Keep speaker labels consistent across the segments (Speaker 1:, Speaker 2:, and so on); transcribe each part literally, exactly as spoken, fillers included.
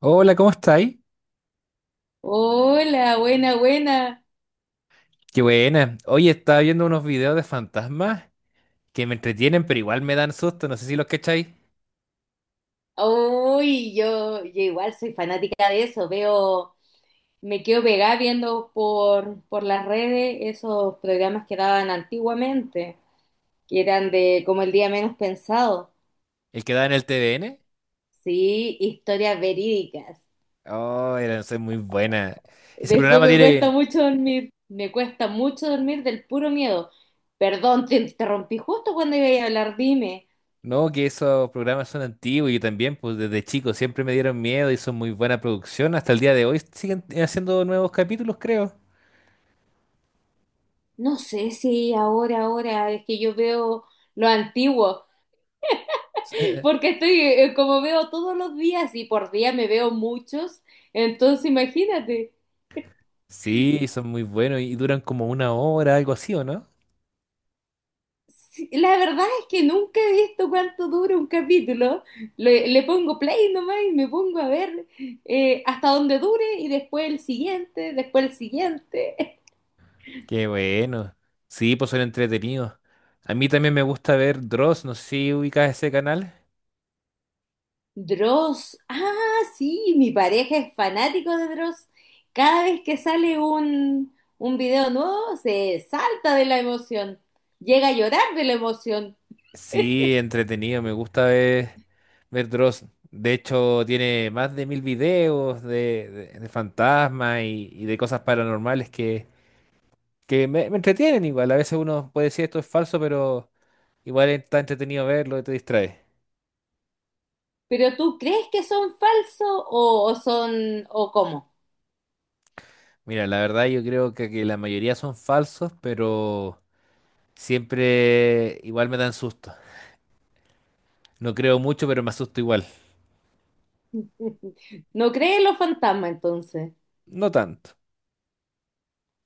Speaker 1: Hola, ¿cómo estáis?
Speaker 2: Hola, buena, buena.
Speaker 1: Qué buena. Oye, estaba viendo unos videos de fantasmas que me entretienen, pero igual me dan susto. No sé si los cacháis.
Speaker 2: Uy, yo, yo igual soy fanática de eso. Veo, me quedo pegada viendo por, por las redes esos programas que daban antiguamente, que eran de como el día menos pensado.
Speaker 1: El que da en el T V N.
Speaker 2: Sí, historias verídicas.
Speaker 1: Oh, era es muy buena. Ese
Speaker 2: Después
Speaker 1: programa
Speaker 2: me cuesta
Speaker 1: tiene.
Speaker 2: mucho dormir, me cuesta mucho dormir del puro miedo. Perdón, te interrumpí justo cuando iba a hablar, dime.
Speaker 1: No, que esos programas son antiguos y yo también, pues desde chico siempre me dieron miedo y son muy buena producción. Hasta el día de hoy siguen haciendo nuevos capítulos, creo.
Speaker 2: No sé si ahora, ahora, es que yo veo lo antiguo. Porque estoy, eh, como veo todos los días y por día me veo muchos, entonces imagínate.
Speaker 1: Sí, son muy buenos y duran como una hora, algo así, ¿o no?
Speaker 2: Sí, la verdad es que nunca he visto cuánto dura un capítulo. Le, le pongo play nomás y me pongo a ver eh, hasta donde dure y después el siguiente, después el siguiente.
Speaker 1: Qué bueno. Sí, pues son entretenidos. A mí también me gusta ver Dross, no sé si ubicas ese canal.
Speaker 2: Dross. Ah, sí, mi pareja es fanático de Dross. Cada vez que sale un, un video nuevo, se salta de la emoción. Llega a llorar de la emoción.
Speaker 1: Sí, entretenido, me gusta ver, ver Dross. De hecho, tiene más de mil videos de, de- de fantasmas y, y de cosas paranormales que, que me, me entretienen igual. A veces uno puede decir esto es falso, pero igual está entretenido verlo y te distrae.
Speaker 2: ¿Pero tú crees que son falsos o, o son o cómo?
Speaker 1: Mira, la verdad yo creo que, que la mayoría son falsos, pero siempre igual me dan susto. No creo mucho, pero me asusto igual.
Speaker 2: No crees en los fantasmas entonces,
Speaker 1: No tanto,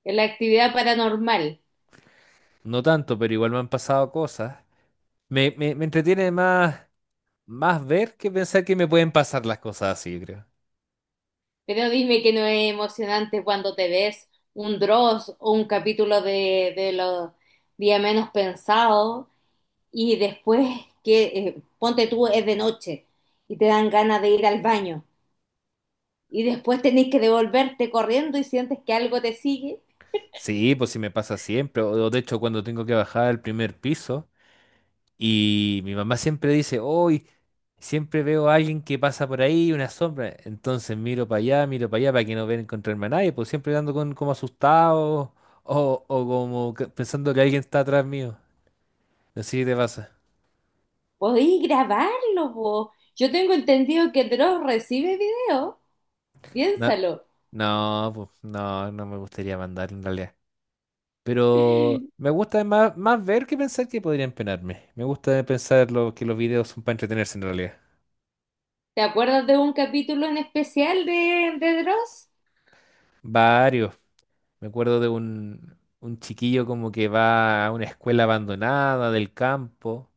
Speaker 2: en la actividad paranormal,
Speaker 1: no tanto, pero igual me han pasado cosas. Me, me, me entretiene más, más ver que pensar que me pueden pasar las cosas así, yo creo.
Speaker 2: pero dime que no es emocionante cuando te ves un Dross o un capítulo de, de los días menos pensados y después que eh, ponte tú es de noche y te dan ganas de ir al baño y después tenés que devolverte corriendo y sientes que algo te sigue.
Speaker 1: Sí, pues sí me pasa siempre. O, o de hecho, cuando tengo que bajar al primer piso y mi mamá siempre dice, hoy siempre veo a alguien que pasa por ahí, una sombra. Entonces miro para allá, miro para allá para que no vean encontrarme a nadie, pues siempre ando con, como asustado o, o como que- pensando que alguien está atrás mío. Así te pasa.
Speaker 2: Podéis grabarlo, vos. Yo tengo entendido que Dross recibe video.
Speaker 1: Na-
Speaker 2: Piénsalo.
Speaker 1: No, pues, no, no me gustaría mandar en realidad. Pero me gusta más, más ver que pensar que podrían penarme. Me gusta pensar lo, que los videos son para entretenerse en realidad.
Speaker 2: ¿Te acuerdas de un capítulo en especial de, de Dross?
Speaker 1: Varios. Me acuerdo de un, un chiquillo como que va a una escuela abandonada del campo,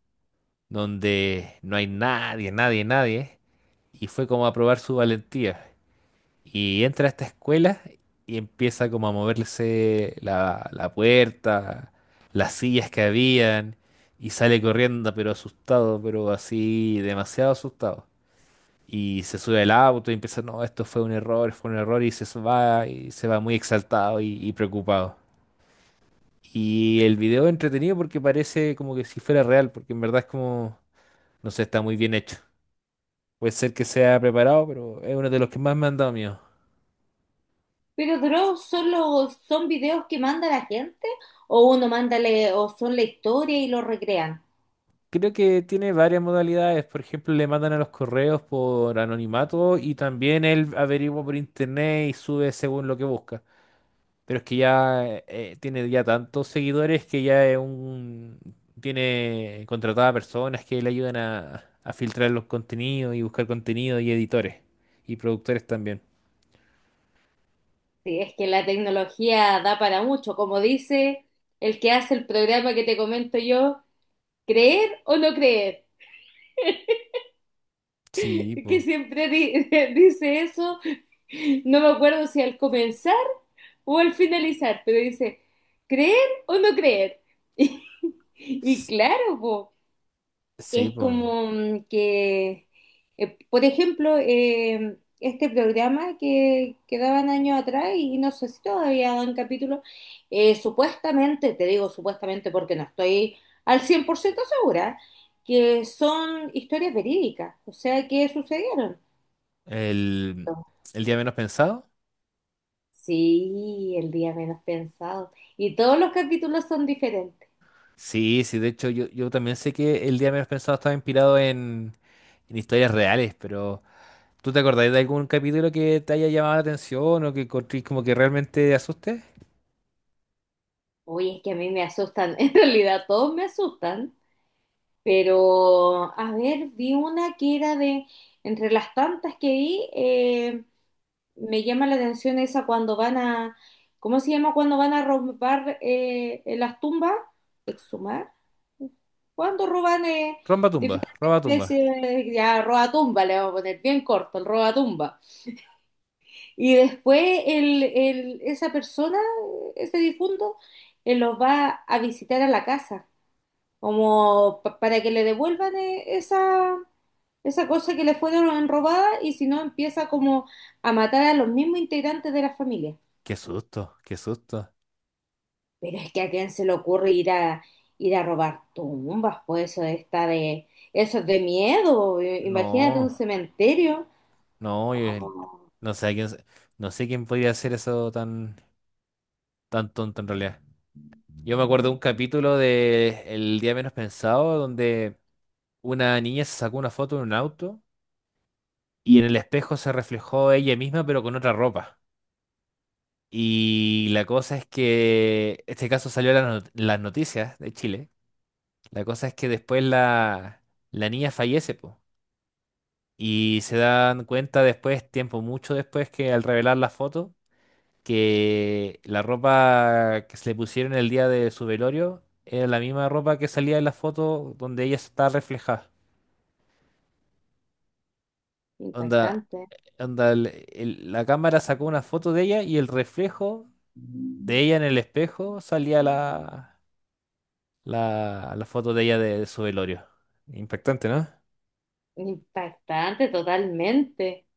Speaker 1: donde no hay nadie, nadie, nadie. Y fue como a probar su valentía. Y entra a esta escuela y empieza como a moverse la, la puerta, las sillas que habían, y sale corriendo, pero asustado, pero así demasiado asustado. Y se sube al auto y empieza, no, esto fue un error, fue un error, y se va, y se va muy exaltado y, y preocupado. Y el video es entretenido porque parece como que si fuera real, porque en verdad es como, no sé, está muy bien hecho. Puede ser que sea preparado, pero es uno de los que más me han dado miedo.
Speaker 2: Pero Dross solo son videos que manda la gente o uno manda le- o son la historia y lo recrean.
Speaker 1: Creo que tiene varias modalidades. Por ejemplo, le mandan a los correos por anonimato y también él averigua por internet y sube según lo que busca. Pero es que ya eh, eh, tiene ya tantos seguidores que ya es un... tiene contratadas personas que le ayudan a, a filtrar los contenidos y buscar contenido y editores y productores también.
Speaker 2: Sí, es que la tecnología da para mucho, como dice el que hace el programa que te comento yo, creer o no creer,
Speaker 1: Sí,
Speaker 2: que
Speaker 1: pues.
Speaker 2: siempre di- dice eso. No me acuerdo si al comenzar o al finalizar, pero dice, ¿creer o no creer? Y, claro, po,
Speaker 1: Sí,
Speaker 2: es
Speaker 1: pues.
Speaker 2: como mm, que, eh, por ejemplo, eh, este programa que, que daban años atrás, y no sé si todavía dan capítulo, eh, supuestamente, te digo supuestamente porque no estoy al cien por ciento segura, que son historias verídicas, o sea, que sucedieron.
Speaker 1: El, el día menos pensado.
Speaker 2: Sí, el día menos pensado. Y todos los capítulos son diferentes.
Speaker 1: Sí, sí, de hecho yo, yo también sé que el día menos pensado estaba inspirado en, en historias reales, pero ¿tú te acordás de algún capítulo que te haya llamado la atención o que encontrís como que realmente te asuste?
Speaker 2: Oye, es que a mí me asustan, en realidad todos me asustan, pero a ver, vi una que era de, entre las tantas que vi, eh, me llama la atención esa cuando van a, ¿cómo se llama? Cuando van a robar eh, en las tumbas, exhumar, cuando roban eh,
Speaker 1: Romba
Speaker 2: diferentes
Speaker 1: tumba, roba tumba.
Speaker 2: especies, de- ya robatumba, le vamos a poner bien corto, el roba tumba. Y después el, el- esa persona, ese difunto, eh, los va a visitar a la casa como pa- para que le devuelvan eh, esa, esa cosa que le fueron robada y si no empieza como a matar a los mismos integrantes de la familia.
Speaker 1: Qué susto, qué susto.
Speaker 2: Pero es que a quién se le ocurre ir a ir a robar tumbas, pues eso está de eso es de miedo, eh, imagínate un
Speaker 1: No,
Speaker 2: cementerio.
Speaker 1: no, yo- el-
Speaker 2: Oh,
Speaker 1: no sé a quién, se- no sé quién podría hacer eso tan, tan tonto en realidad. Yo me acuerdo de un capítulo de El día menos pensado donde una niña se sacó una foto en un auto y en el espejo se reflejó ella misma, pero con otra ropa. Y la cosa es que este caso salió en las not- las noticias de Chile. La cosa es que después la, la niña fallece, po. Y se dan cuenta después, tiempo mucho después, que al revelar la foto, que la ropa que se le pusieron el día de su velorio era la misma ropa que salía en la foto donde ella está reflejada. Onda,
Speaker 2: impactante,
Speaker 1: onda el- el- la cámara sacó una foto de ella y el reflejo de ella en el espejo salía la, la, la foto de ella de, de su velorio. Impactante, ¿no?
Speaker 2: impactante totalmente.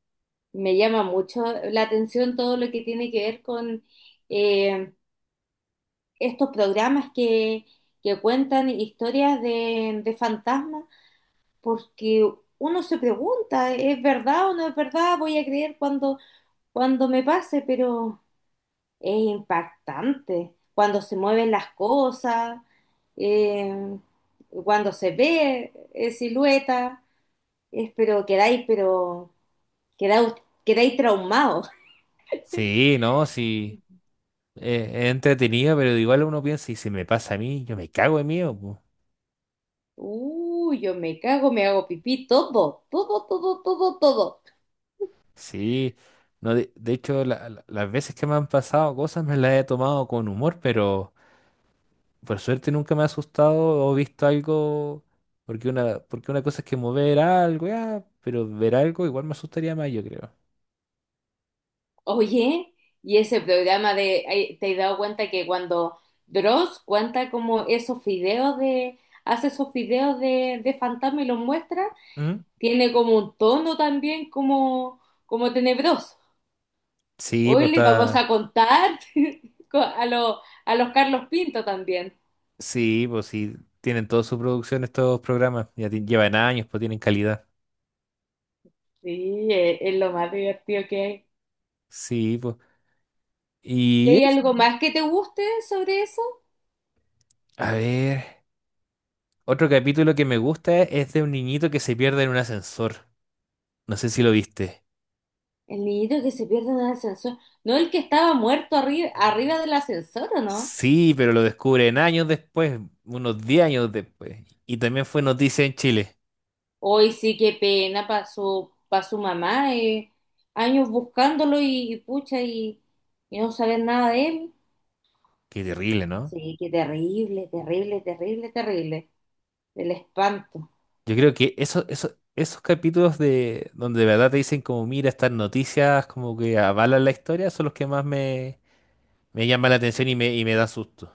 Speaker 2: Me llama mucho la atención todo lo que tiene que ver con eh, estos programas que, que cuentan historias de, de fantasmas, porque uno se pregunta, ¿es verdad o no es verdad? Voy a creer cuando, cuando me pase, pero es impactante cuando se mueven las cosas, eh, cuando se ve eh, silueta, es, pero quedáis, pero quedáis, quedáis traumados.
Speaker 1: Sí, no, sí. eh, es entretenido, pero igual uno piensa, y si me pasa a mí, yo me cago en mí. O po".
Speaker 2: Uy, yo me cago, me hago pipí, todo, todo, todo, todo, todo.
Speaker 1: Sí. No, de, de hecho, la- la- las veces que me han pasado cosas me las he tomado con humor, pero por suerte nunca me ha asustado o visto algo. Porque una, porque una cosa es que mover algo, ya, pero ver algo igual me asustaría más, yo creo.
Speaker 2: Oye, y ese programa de, ay, ¿te has dado cuenta que cuando Dross cuenta como esos videos de, hace esos videos de, de fantasma y los muestra,
Speaker 1: ¿Mm?
Speaker 2: tiene como un tono también como, como tenebroso?
Speaker 1: Sí, pues
Speaker 2: Hoy les vamos a
Speaker 1: está.
Speaker 2: contar co- a, los a los Carlos Pinto también.
Speaker 1: Sí, pues sí, tienen toda su producción estos programas, ya ti- llevan años, pues tienen calidad.
Speaker 2: Sí, es, es lo más divertido que hay.
Speaker 1: Sí, pues.
Speaker 2: ¿Y
Speaker 1: Y
Speaker 2: hay
Speaker 1: eso.
Speaker 2: algo más que te guste sobre eso?
Speaker 1: A ver, otro capítulo que me gusta es de un niñito que se pierde en un ascensor. No sé si lo viste.
Speaker 2: El niñito que se pierde en el ascensor. ¿No el que estaba muerto arri- arriba del ascensor, o no?
Speaker 1: Sí, pero lo descubren años después, unos diez años después. Y también fue noticia en Chile.
Speaker 2: Hoy sí, qué pena para su, pa' su mamá, eh, años buscándolo y, y pucha, y, y no saber nada de él.
Speaker 1: Qué terrible, ¿no?
Speaker 2: Sí, qué terrible, terrible, terrible, terrible, del espanto.
Speaker 1: Yo creo que eso, eso, esos capítulos de donde de verdad te dicen como, mira, estas noticias como que avalan la historia, son los que más me me llama la atención y me, y me da susto.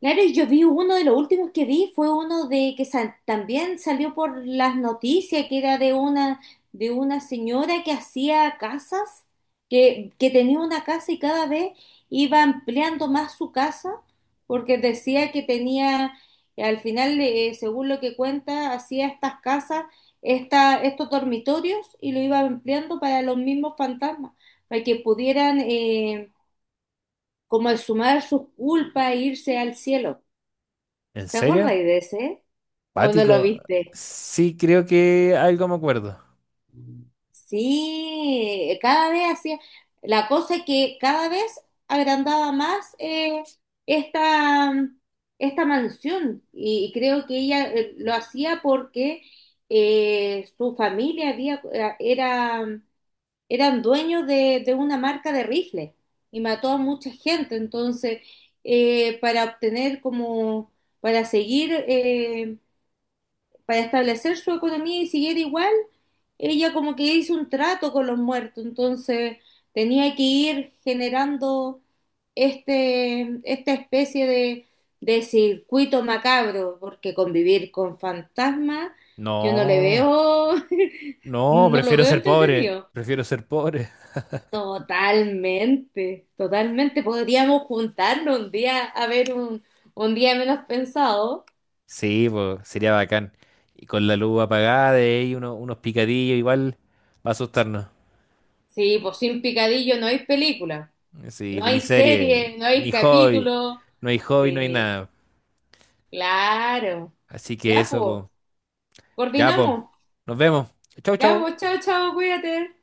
Speaker 2: Claro, y yo vi uno de los últimos que vi fue uno de que sa- también salió por las noticias, que era de una, de una señora que hacía casas, que, que tenía una casa y cada vez iba ampliando más su casa, porque decía que tenía, eh, al final, eh, según lo que cuenta, hacía estas casas, esta, estos dormitorios y lo iba ampliando para los mismos fantasmas, para que pudieran eh, como exhumar sus culpas e irse al cielo.
Speaker 1: ¿En
Speaker 2: ¿Te
Speaker 1: serio?
Speaker 2: acordáis de ese? ¿O no lo
Speaker 1: ¿Pático?
Speaker 2: viste?
Speaker 1: Sí, creo que algo me acuerdo.
Speaker 2: Sí, cada vez hacía. La cosa es que cada vez agrandaba más eh, esta, esta mansión. Y, y creo que ella eh, lo hacía porque eh, su familia había, eh, era, eran dueños de, de una marca de rifles y mató a mucha gente. Entonces, eh, para obtener como, para seguir. Eh, para establecer su economía y siguiera igual, ella como que hizo un trato con los muertos, entonces tenía que ir generando este, esta especie de, de circuito macabro, porque convivir con fantasmas, yo no le
Speaker 1: No,
Speaker 2: veo,
Speaker 1: no,
Speaker 2: no lo
Speaker 1: prefiero
Speaker 2: veo
Speaker 1: ser pobre.
Speaker 2: entretenido.
Speaker 1: Prefiero ser pobre.
Speaker 2: Totalmente, totalmente. Podríamos juntarnos un día a ver un, un día menos pensado.
Speaker 1: Sí, pues sería bacán. Y con la luz apagada y ahí uno- unos picadillos igual va a asustarnos.
Speaker 2: Sí, pues sin picadillo no hay película.
Speaker 1: Sí,
Speaker 2: No
Speaker 1: pues ni
Speaker 2: hay
Speaker 1: serie,
Speaker 2: serie, no hay
Speaker 1: ni hobby.
Speaker 2: capítulo.
Speaker 1: No hay hobby, no hay
Speaker 2: Sí,
Speaker 1: nada.
Speaker 2: claro.
Speaker 1: Así que
Speaker 2: Ya,
Speaker 1: eso,
Speaker 2: pues,
Speaker 1: pues. Ya, pues.
Speaker 2: coordinamos.
Speaker 1: Nos vemos. Chau,
Speaker 2: Ya,
Speaker 1: chau.
Speaker 2: pues, chao, chao, cuídate.